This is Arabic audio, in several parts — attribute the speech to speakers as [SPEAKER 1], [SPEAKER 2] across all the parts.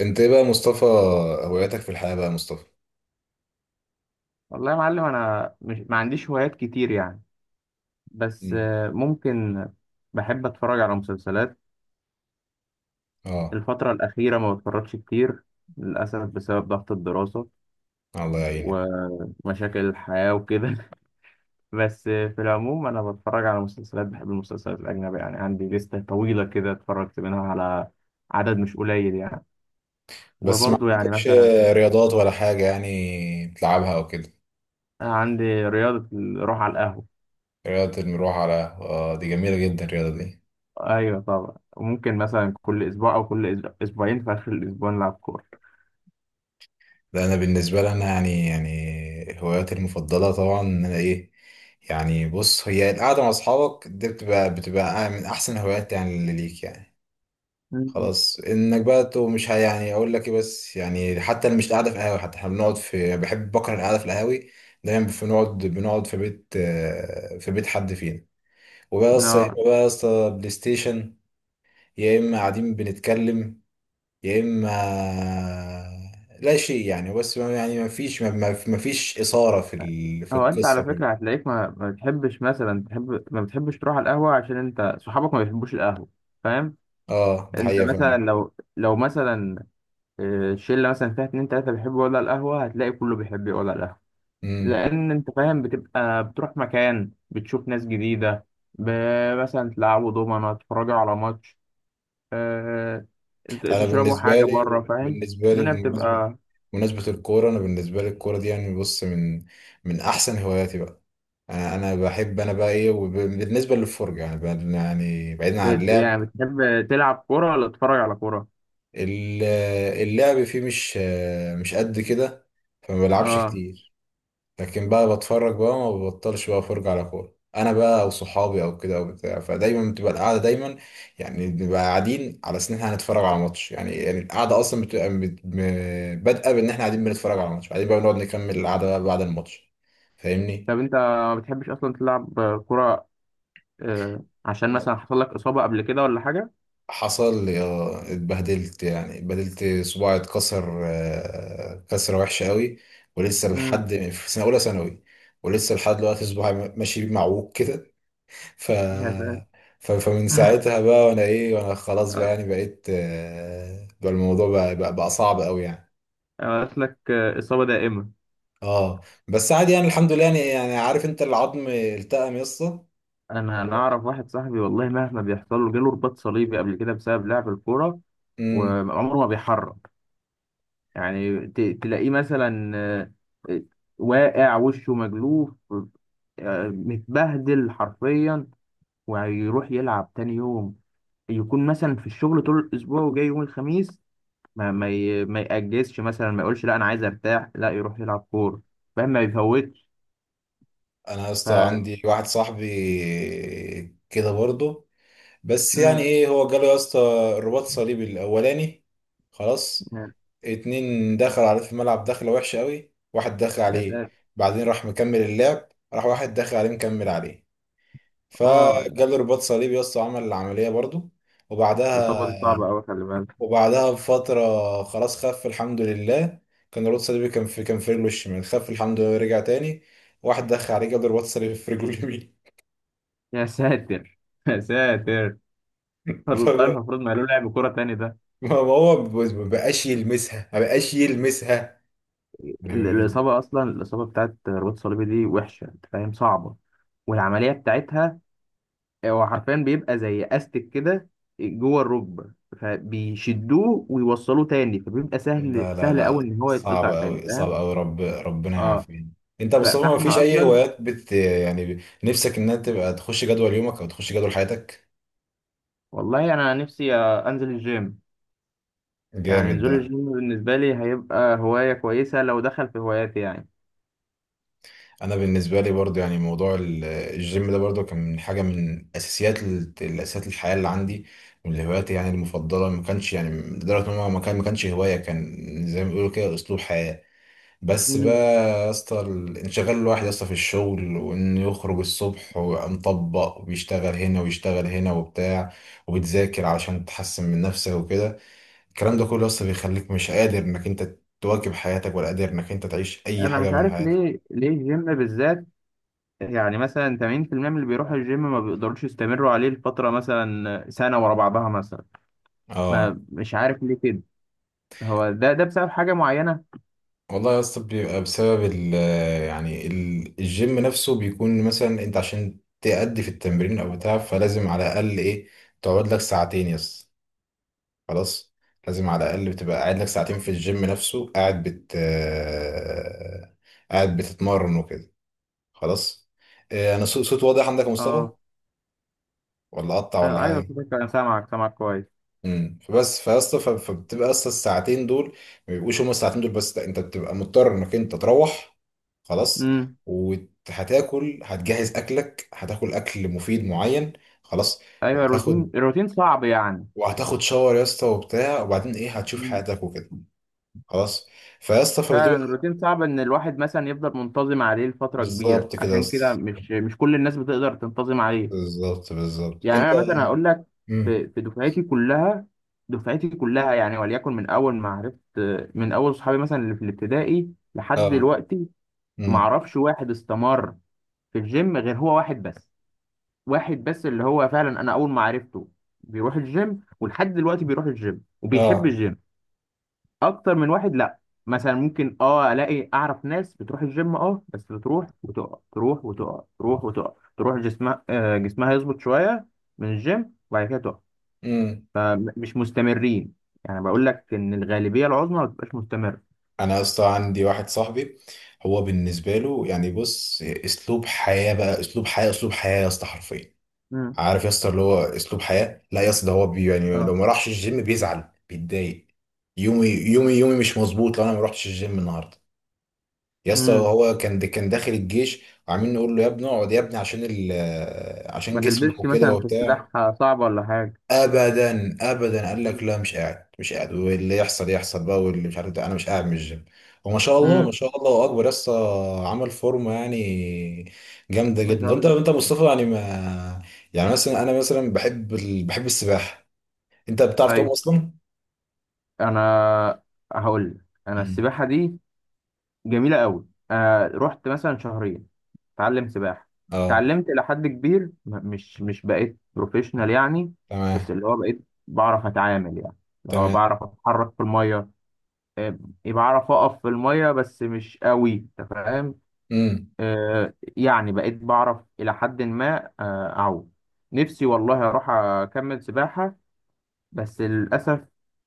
[SPEAKER 1] انت ايه بقى يا مصطفى؟ هواياتك في الحياة بقى يا مصطفى؟
[SPEAKER 2] والله يا معلم، انا مش ما عنديش هوايات كتير يعني. بس
[SPEAKER 1] مم.
[SPEAKER 2] ممكن. بحب اتفرج على مسلسلات.
[SPEAKER 1] اه.
[SPEAKER 2] الفترة الأخيرة ما بتفرجش كتير للأسف بسبب ضغط الدراسة
[SPEAKER 1] الله يعينك.
[SPEAKER 2] ومشاكل الحياة وكده. بس في العموم أنا بتفرج على مسلسلات. بحب المسلسلات الأجنبية يعني عندي لستة طويلة كده اتفرجت منها على عدد مش قليل يعني.
[SPEAKER 1] بس ما
[SPEAKER 2] وبرضه يعني
[SPEAKER 1] عندكش
[SPEAKER 2] مثلا
[SPEAKER 1] رياضات ولا حاجة يعني تلعبها او كده؟
[SPEAKER 2] عندي رياضة الروح على القهوة.
[SPEAKER 1] رياضة المروح على، اه دي جميلة جدا الرياضة دي.
[SPEAKER 2] أيوة طبعا، وممكن مثلا كل أسبوع أو كل أسبوعين في آخر الأسبوع نلعب كورة.
[SPEAKER 1] لا انا بالنسبة لي انا يعني هواياتي المفضلة طبعا ان انا ايه، يعني بص هي القعدة مع اصحابك دي بتبقى من احسن هوايات يعني اللي ليك يعني.
[SPEAKER 2] مم.
[SPEAKER 1] خلاص انك بقى تو مش يعني اقول لك ايه، بس يعني حتى اللي مش قاعده في قهاوي، حتى احنا بنقعد في، يعني بحب بكره القعده في القهاوي، دايما بنقعد في بيت، في بيت حد فينا. وبقى يا اسطى، يا
[SPEAKER 2] اه.
[SPEAKER 1] اما بقى يا اسطى بلاي ستيشن، يا اما قاعدين بنتكلم، يا اما لا شيء يعني. بس يعني ما فيش ما فيش اثاره في في
[SPEAKER 2] هو انت
[SPEAKER 1] القصه
[SPEAKER 2] على فكره
[SPEAKER 1] كلها.
[SPEAKER 2] هتلاقيك ما بتحبش، مثلا ما بتحبش تروح على القهوه عشان انت صحابك ما بيحبوش القهوه. فاهم؟
[SPEAKER 1] اه دي
[SPEAKER 2] انت
[SPEAKER 1] حقيقه فعلا.
[SPEAKER 2] مثلا لو مثلا شله مثلا فيها اتنين تلاته بيحبوا يقعدوا على القهوه، هتلاقي كله بيحب يقعد على القهوه.
[SPEAKER 1] امم،
[SPEAKER 2] لان انت فاهم بتبقى بتروح مكان، بتشوف ناس جديده، مثلا تلعبوا دومنه، تتفرجوا على ماتش، آه،
[SPEAKER 1] انا
[SPEAKER 2] تشربوا
[SPEAKER 1] بالنسبه
[SPEAKER 2] حاجه بره.
[SPEAKER 1] لي،
[SPEAKER 2] فاهم؟
[SPEAKER 1] بالنسبه لي
[SPEAKER 2] الدنيا
[SPEAKER 1] بمناسبه
[SPEAKER 2] بتبقى...
[SPEAKER 1] بمناسبة الكورة أنا بالنسبة لي الكورة دي يعني بص، من من أحسن هواياتي بقى. أنا بحب، أنا بقى إيه، وبالنسبة للفرجة يعني يعني بعيدا عن اللعب.
[SPEAKER 2] يعني بتحب تلعب كوره ولا تتفرج على كوره؟
[SPEAKER 1] ال- اللعب فيه مش، مش قد كده، فما بلعبش
[SPEAKER 2] اه.
[SPEAKER 1] كتير. لكن بقى بتفرج بقى، ما ببطلش بقى افرج على كورة انا بقى او صحابي او كده او بتاع، فدايما بتبقى القعده دايما يعني بنبقى قاعدين على اساس ان احنا هنتفرج على ماتش. يعني القعده اصلا بتبقى بادئه بان احنا قاعدين بنتفرج على ماتش، بعدين بقى بنقعد نكمل القعده بقى بعد الماتش. فاهمني؟
[SPEAKER 2] طب انت ما بتحبش اصلا تلعب كرة، عشان مثلا حصل لك اصابة قبل كده ولا حاجة؟
[SPEAKER 1] حصل يا، اتبهدلت، يعني اتبهدلت صباعي، اتكسر كسره وحشه قوي. ولسه لحد
[SPEAKER 2] امم.
[SPEAKER 1] في سنه اولى ثانوي، ولسه لحد دلوقتي صباعي ماشي معوج كده. ف...
[SPEAKER 2] يا ساتر.
[SPEAKER 1] فمن ساعتها بقى وانا ايه، وانا خلاص بقى،
[SPEAKER 2] آه،
[SPEAKER 1] يعني بقيت بقى الموضوع بقى صعب قوي يعني.
[SPEAKER 2] قالت لك اصابة دائمة؟
[SPEAKER 1] اه بس عادي يعني، الحمد لله، يعني يعني عارف انت العظم التئم يا اسطى.
[SPEAKER 2] انا اعرف واحد صاحبي والله مهما بيحصل له، جاله رباط صليبي قبل كده بسبب لعب الكورة،
[SPEAKER 1] امم.
[SPEAKER 2] وعمره ما بيحرك. يعني تلاقيه مثلا آه، واقع وشه مجلوف، متبهدل حرفيا، ويروح يلعب تاني يوم. يكون مثلا في الشغل طول الاسبوع وجاي يوم الخميس ما يأجزش، مثلا ما يقولش لا انا عايز ارتاح، لا يروح يلعب كوره. فاهم؟ ما بيفوتش.
[SPEAKER 1] انا يا
[SPEAKER 2] ف
[SPEAKER 1] اسطى عندي واحد صاحبي كده برضه، بس يعني
[SPEAKER 2] امم
[SPEAKER 1] ايه، هو جاله يا اسطى الرباط صليبي الاولاني، خلاص.
[SPEAKER 2] يا
[SPEAKER 1] اتنين دخل عليه في الملعب، دخله وحشه قوي، واحد دخل
[SPEAKER 2] يا
[SPEAKER 1] عليه،
[SPEAKER 2] ساتر.
[SPEAKER 1] بعدين راح مكمل اللعب، راح واحد دخل عليه مكمل عليه،
[SPEAKER 2] اه.
[SPEAKER 1] فجاله رباط صليبي يا اسطى، وعمل العملية برضو.
[SPEAKER 2] الاصابه دي
[SPEAKER 1] وبعدها،
[SPEAKER 2] صعبه قوي، خلي بالك.
[SPEAKER 1] وبعدها بفترة خلاص خف الحمد لله. كان رباط صليبي، كان في، كان في رجله الشمال، خف الحمد لله، رجع تاني واحد دخل عليه جاب له رباط صليبي في رجله اليمين.
[SPEAKER 2] يا ساتر. يا ساتر. والله
[SPEAKER 1] فما-
[SPEAKER 2] المفروض ما له لعب كوره تاني ده.
[SPEAKER 1] ما هو ما بقاش يلمسها، ما بقاش يلمسها، لا.
[SPEAKER 2] الاصابه اصلا، الاصابه بتاعت رباط الصليبي دي وحشه، انت فاهم، صعبه. والعمليه بتاعتها هو حرفيا بيبقى زي استك كده جوه الركبه، فبيشدوه ويوصلوه تاني، فبيبقى سهل
[SPEAKER 1] لا
[SPEAKER 2] سهل قوي
[SPEAKER 1] لا
[SPEAKER 2] ان هو يتقطع
[SPEAKER 1] صعب
[SPEAKER 2] تاني.
[SPEAKER 1] قوي، صعب
[SPEAKER 2] فاهم؟
[SPEAKER 1] قوي، ربنا
[SPEAKER 2] اه.
[SPEAKER 1] يعافينا. انت يا مصطفى ما فيش
[SPEAKER 2] فاحنا
[SPEAKER 1] اي
[SPEAKER 2] اصلا،
[SPEAKER 1] هوايات بت، يعني نفسك انها تبقى تخش جدول يومك او تخش جدول حياتك؟
[SPEAKER 2] والله انا نفسي انزل الجيم. يعني
[SPEAKER 1] جامد
[SPEAKER 2] نزول
[SPEAKER 1] ده.
[SPEAKER 2] الجيم بالنسبه لي هيبقى هوايه كويسه لو دخل في هواياتي يعني.
[SPEAKER 1] انا بالنسبه لي برضو يعني موضوع الجيم ده برضو كان من حاجه، من اساسيات الاساسيات الحياه اللي عندي، من هواياتي يعني المفضله. ما كانش يعني لدرجه ان هو ما كان، ما كانش هوايه، كان زي ما بيقولوا كده اسلوب حياه. بس بقى
[SPEAKER 2] مم.
[SPEAKER 1] يا اسطى انشغال الواحد يا اسطى في الشغل، وانه يخرج الصبح ويبقى مطبق وبيشتغل هنا ويشتغل هنا وبتاع، وبتذاكر علشان تحسن من نفسك وكده، الكلام ده كله يا اسطى بيخليك مش قادر انك انت تواكب حياتك، ولا قادر انك انت تعيش اي
[SPEAKER 2] انا
[SPEAKER 1] حاجه
[SPEAKER 2] مش
[SPEAKER 1] من
[SPEAKER 2] عارف
[SPEAKER 1] حياتك.
[SPEAKER 2] ليه الجيم بالذات؟ يعني مثلا 80% من اللي بيروحوا الجيم ما بيقدروش يستمروا عليه لفتره، مثلا سنه ورا بعضها مثلا.
[SPEAKER 1] اه.
[SPEAKER 2] ما مش عارف ليه كده. هو ده بسبب حاجه معينه؟
[SPEAKER 1] والله يا اسطى بيبقى بسبب ال، يعني الجيم نفسه بيكون مثلا انت عشان تأدي في التمرين او بتاع، فلازم على الاقل ايه، تقعد لك ساعتين يا اسطى، خلاص. لازم على الاقل بتبقى قاعد لك ساعتين في الجيم نفسه، قاعد بت قاعد بتتمرن وكده، خلاص. انا صوت واضح عندك يا مصطفى؟
[SPEAKER 2] اه.
[SPEAKER 1] ولا اقطع ولا
[SPEAKER 2] ايوه
[SPEAKER 1] حاجه؟
[SPEAKER 2] صدق، انا سامعك، سامعك كويس.
[SPEAKER 1] امم. فبس فيا اسطى فبتبقى اصلا الساعتين دول، ما بيبقوش هما الساعتين دول بس، لا انت بتبقى مضطر انك انت تروح، خلاص.
[SPEAKER 2] امم
[SPEAKER 1] وهتاكل، هتجهز اكلك، هتاكل اكل مفيد معين، خلاص.
[SPEAKER 2] ايوه الروتين،
[SPEAKER 1] وهتاخد
[SPEAKER 2] الروتين صعب يعني.
[SPEAKER 1] وهتاخد شاور يا اسطى وبتاع، وبعدين ايه، هتشوف حياتك وكده، خلاص. فيا اسطى
[SPEAKER 2] فعلا
[SPEAKER 1] فبتبقى،
[SPEAKER 2] الروتين صعب ان الواحد مثلا يفضل منتظم عليه لفتره كبيره،
[SPEAKER 1] بالظبط كده يا
[SPEAKER 2] عشان كده
[SPEAKER 1] اسطى،
[SPEAKER 2] مش كل الناس بتقدر تنتظم عليه.
[SPEAKER 1] بالظبط
[SPEAKER 2] يعني
[SPEAKER 1] انت.
[SPEAKER 2] انا مثلا هقول لك،
[SPEAKER 1] امم
[SPEAKER 2] في دفعتي كلها، دفعتي كلها يعني، وليكن من اول ما عرفت، من اول صحابي مثلا اللي في الابتدائي لحد
[SPEAKER 1] اه
[SPEAKER 2] دلوقتي، ما
[SPEAKER 1] امم
[SPEAKER 2] اعرفش واحد استمر في الجيم غير هو واحد بس. واحد بس اللي هو فعلا انا اول ما عرفته بيروح الجيم، ولحد دلوقتي بيروح الجيم وبيحب
[SPEAKER 1] اه
[SPEAKER 2] الجيم. اكتر من واحد لا. مثلا ممكن اه الاقي اعرف ناس بتروح الجيم، اه بس بتروح وتقع، تروح وتقع، تروح وتقع، تروح جسمها جسمها يظبط شويه من الجيم، وبعد كده تقع.
[SPEAKER 1] امم.
[SPEAKER 2] فمش مستمرين. يعني بقول لك ان الغالبيه العظمى ما بتبقاش مستمره.
[SPEAKER 1] انا يا اسطى عندي واحد صاحبي، هو بالنسبه له يعني بص اسلوب حياه بقى، اسلوب حياه، اسلوب حياه يا اسطى حرفيا.
[SPEAKER 2] امم
[SPEAKER 1] عارف يا اسطى اللي هو اسلوب حياه، لا يا اسطى ده هو بي، يعني
[SPEAKER 2] اه.
[SPEAKER 1] لو ما راحش الجيم بيزعل بيتضايق، يومي يومي يومي مش مظبوط لو انا ما رحتش الجيم النهارده. يا اسطى
[SPEAKER 2] امم
[SPEAKER 1] هو كان داخل الجيش، وعاملين نقول له يا ابني اقعد يا ابني عشان ال، عشان
[SPEAKER 2] ما
[SPEAKER 1] جسمك
[SPEAKER 2] تلبسش
[SPEAKER 1] وكده
[SPEAKER 2] مثلا في
[SPEAKER 1] وبتاع،
[SPEAKER 2] سلاح؟ صعبه ولا حاجه؟
[SPEAKER 1] ابدا ابدا. قال لك
[SPEAKER 2] مم.
[SPEAKER 1] لا، مش قاعد، مش قاعد، واللي يحصل يحصل بقى، واللي مش عارف ده انا مش قاعد من الجيم. وما شاء الله، ما
[SPEAKER 2] امم
[SPEAKER 1] شاء الله اكبر، لسه عمل فورمه يعني، جامده
[SPEAKER 2] ما شاء
[SPEAKER 1] جدا. انت
[SPEAKER 2] الله.
[SPEAKER 1] انت يا مصطفى يعني ما، يعني مثلا انا مثلا بحب بحب السباحه. انت بتعرف تعوم
[SPEAKER 2] طيب
[SPEAKER 1] اصلا؟
[SPEAKER 2] انا هقول لك، انا
[SPEAKER 1] امم.
[SPEAKER 2] السباحه دي جميلة قوي. آه رحت مثلا شهرين اتعلم سباحة،
[SPEAKER 1] اه
[SPEAKER 2] اتعلمت إلى حد كبير، مش بقيت بروفيشنال يعني.
[SPEAKER 1] تمام.
[SPEAKER 2] بس اللي هو بقيت بعرف أتعامل يعني، اللي هو
[SPEAKER 1] تمام.
[SPEAKER 2] بعرف أتحرك في المية. آه، يعني بعرف أقف في المية بس مش قوي. أنت فاهم؟
[SPEAKER 1] امم.
[SPEAKER 2] آه يعني بقيت بعرف إلى حد ما أعوم. نفسي والله أروح أكمل سباحة، بس للأسف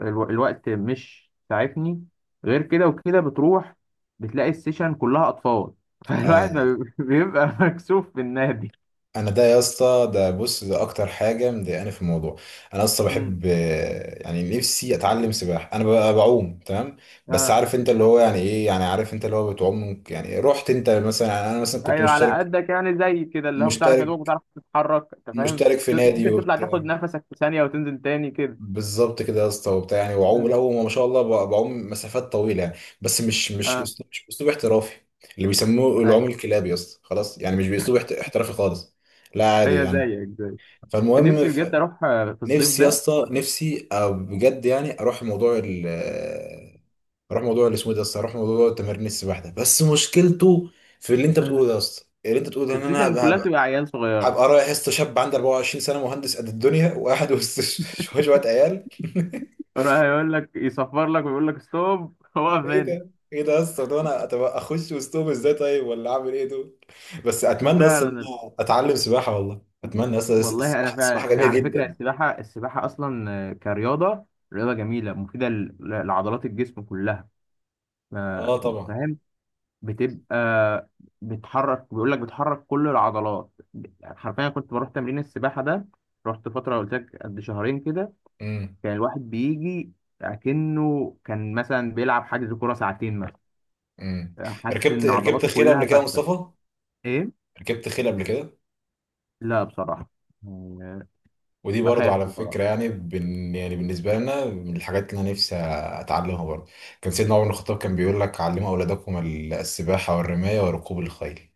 [SPEAKER 2] الوقت مش ساعدني. غير كده وكده بتروح بتلاقي السيشن كلها أطفال. فالواحد ما بيبقى مكسوف في النادي.
[SPEAKER 1] انا ده يا اسطى، ده بص ده اكتر حاجه مضايقاني في الموضوع. انا اصلا
[SPEAKER 2] مم.
[SPEAKER 1] بحب، يعني نفسي اتعلم سباحه. انا ببقى بعوم تمام، بس
[SPEAKER 2] اه،
[SPEAKER 1] عارف انت اللي هو يعني ايه، يعني عارف انت اللي هو بتعوم يعني رحت انت مثلا، يعني انا مثلا كنت
[SPEAKER 2] ايوه على
[SPEAKER 1] مشترك،
[SPEAKER 2] قدك يعني، زي كده اللي هو بتعرف يا
[SPEAKER 1] مشترك
[SPEAKER 2] دوبك، بتعرف تتحرك، انت فاهم.
[SPEAKER 1] مشترك في نادي
[SPEAKER 2] ممكن تطلع تاخد
[SPEAKER 1] وبتاع.
[SPEAKER 2] نفسك في ثانية وتنزل تاني كده.
[SPEAKER 1] بالظبط كده يا اسطى وبتاع، يعني وعوم
[SPEAKER 2] مم.
[SPEAKER 1] الاول ما شاء الله بعوم مسافات طويله يعني، بس مش، مش
[SPEAKER 2] اه،
[SPEAKER 1] اسلوب، مش اسلوب احترافي. اللي بيسموه العوم
[SPEAKER 2] ايوه.
[SPEAKER 1] الكلابي يا اسطى، خلاص يعني، مش باسلوب احترافي خالص، لا عادي
[SPEAKER 2] هي
[SPEAKER 1] يعني.
[SPEAKER 2] زيك زيك.
[SPEAKER 1] فالمهم،
[SPEAKER 2] نفسي بجد اروح في الصيف
[SPEAKER 1] نفسي يا
[SPEAKER 2] ده.
[SPEAKER 1] اسطى، نفسي أو بجد يعني، اروح موضوع ال، اروح موضوع اللي اسمه إيه ده يا اسطى، اروح موضوع تمارين السباحه ده. بس مشكلته في اللي انت
[SPEAKER 2] آه.
[SPEAKER 1] بتقوله ده يا اسطى، اللي انت بتقوله ده ان انا
[SPEAKER 2] السيشن
[SPEAKER 1] هبقى،
[SPEAKER 2] كلها
[SPEAKER 1] هبقى،
[SPEAKER 2] بتبقى عيال صغيرة،
[SPEAKER 1] هبقى رايح يا اسطى شاب عندي 24 سنه، مهندس قد الدنيا، وقاعد وسط شويه شويه عيال.
[SPEAKER 2] يروح يقول لك يصفر لك ويقول لك ستوب. واقف
[SPEAKER 1] ايه
[SPEAKER 2] هنا.
[SPEAKER 1] ده، ايه ده يا اسطى، ده انا طب اخش وسطهم ازاي طيب؟ ولا اعمل ايه دول؟ بس اتمنى اصلا ان
[SPEAKER 2] فعلا.
[SPEAKER 1] انا اتعلم سباحه، والله اتمنى اصلا،
[SPEAKER 2] والله انا
[SPEAKER 1] السباحه السباحه
[SPEAKER 2] فعلا
[SPEAKER 1] جميله
[SPEAKER 2] على فكره
[SPEAKER 1] جدا.
[SPEAKER 2] السباحه، السباحه اصلا كرياضه، رياضه جميله مفيده لعضلات الجسم كلها. ما
[SPEAKER 1] اه
[SPEAKER 2] انت
[SPEAKER 1] طبعا.
[SPEAKER 2] فاهم بتبقى بتحرك، بيقول لك بتحرك كل العضلات حرفيا. كنت بروح تمرين السباحه ده، رحت فتره قلت لك قد شهرين كده،
[SPEAKER 1] مم.
[SPEAKER 2] كان الواحد بيجي اكنه كان مثلا بيلعب حجز كوره ساعتين مثلا،
[SPEAKER 1] امم.
[SPEAKER 2] حاسس
[SPEAKER 1] ركبت،
[SPEAKER 2] ان
[SPEAKER 1] ركبت
[SPEAKER 2] عضلاته
[SPEAKER 1] خيل قبل
[SPEAKER 2] كلها
[SPEAKER 1] كده يا
[SPEAKER 2] فكه.
[SPEAKER 1] مصطفى؟
[SPEAKER 2] ايه؟
[SPEAKER 1] ركبت خيل قبل كده؟
[SPEAKER 2] لا بصراحه، آه،
[SPEAKER 1] ودي برضو
[SPEAKER 2] بخاف
[SPEAKER 1] على فكرة
[SPEAKER 2] بصراحه.
[SPEAKER 1] يعني بن، يعني بالنسبة لنا من الحاجات اللي أنا نفسي أتعلمها برضو. كان سيدنا عمر بن الخطاب كان بيقول لك علموا أولادكم السباحة والرماية وركوب الخيل.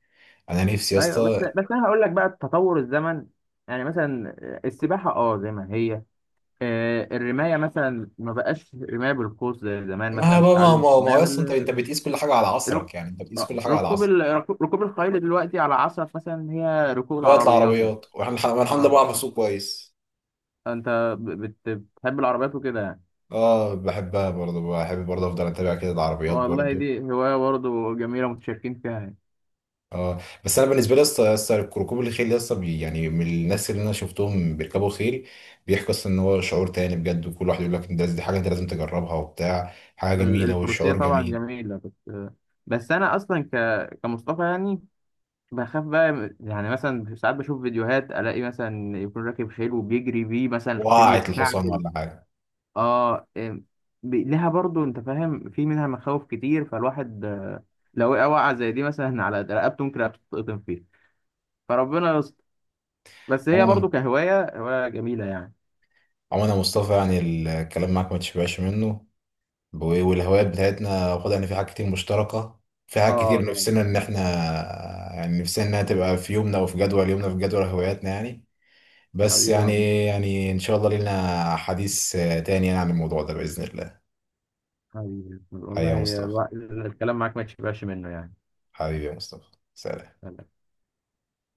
[SPEAKER 1] أنا نفسي يا
[SPEAKER 2] ايوه بس،
[SPEAKER 1] اسطى.
[SPEAKER 2] بس انا هقول لك بقى تطور الزمن. يعني مثلا السباحه اه زي ما هي، الرمايه مثلا ما بقاش رمايه بالقوس زي زمان،
[SPEAKER 1] ما
[SPEAKER 2] مثلا
[SPEAKER 1] بقى ما ما
[SPEAKER 2] تتعلم
[SPEAKER 1] ما هو
[SPEAKER 2] الرمايه
[SPEAKER 1] يا اسطى، أنت
[SPEAKER 2] بال
[SPEAKER 1] بتقيس كل حاجة على
[SPEAKER 2] رك-
[SPEAKER 1] عصرك، يعني أنت بتقيس
[SPEAKER 2] آه،
[SPEAKER 1] كل حاجة على
[SPEAKER 2] ركوب
[SPEAKER 1] عصرك
[SPEAKER 2] ال... ركوب الخيل دلوقتي على عصف مثلا، هي ركوب
[SPEAKER 1] دلوقتي
[SPEAKER 2] العربيات.
[SPEAKER 1] العربيات، وإحنا أنا الحمد لله
[SPEAKER 2] اه.
[SPEAKER 1] بعرف أسوق كويس.
[SPEAKER 2] انت بتحب العربيات وكده يعني؟
[SPEAKER 1] أه بحبها برضو، بحب برضو أفضل أتابع كده العربيات
[SPEAKER 2] والله
[SPEAKER 1] برضو.
[SPEAKER 2] دي هوايه برضه جميله متشاركين فيها يعني.
[SPEAKER 1] اه. بس انا بالنسبه لي يا اسطى، يا اسطى ركوب الخيل يا اسطى يعني من الناس اللي انا شفتهم بيركبوا خيل، بيحكوا اصلا ان هو شعور تاني بجد، وكل واحد يقول لك ده، دي حاجه انت لازم تجربها وبتاع، حاجه جميله
[SPEAKER 2] الفروسيه
[SPEAKER 1] والشعور
[SPEAKER 2] طبعا
[SPEAKER 1] جميل.
[SPEAKER 2] جميله، بس بس انا اصلا كمصطفى يعني بخاف بقى. يعني مثلا ساعات بشوف فيديوهات الاقي مثلا يكون راكب خيل وبيجري بيه مثلا، الخيل
[SPEAKER 1] وقعت الحصان
[SPEAKER 2] يتكعبل.
[SPEAKER 1] ولا حاجه؟
[SPEAKER 2] اه. لها برضو، انت فاهم، في منها مخاوف كتير. فالواحد لو وقع وقعة زي دي مثلا على رقبته ممكن تتقطم فيه، فربنا يستر. بس هي
[SPEAKER 1] عموما،
[SPEAKER 2] برضو كهواية هواية جميلة يعني.
[SPEAKER 1] عموما يا مصطفى يعني الكلام معاك ما تشبعش منه، و- والهوايات بتاعتنا واخد، يعني في حاجات كتير مشتركه، في حاجات
[SPEAKER 2] اه
[SPEAKER 1] كتير
[SPEAKER 2] طبعا.
[SPEAKER 1] نفسنا ان احنا يعني، نفسنا انها تبقى في يومنا وفي جدول يومنا، في جدول هواياتنا يعني. بس
[SPEAKER 2] حبيبي يا عم.
[SPEAKER 1] يعني، يعني ان شاء الله لينا حديث تاني يعني عن الموضوع ده باذن الله.
[SPEAKER 2] حبيبي
[SPEAKER 1] حبيبي يا
[SPEAKER 2] والله
[SPEAKER 1] مصطفى،
[SPEAKER 2] الكلام معاك ما تشبعش منه يعني.
[SPEAKER 1] حبيبي يا مصطفى، سلام.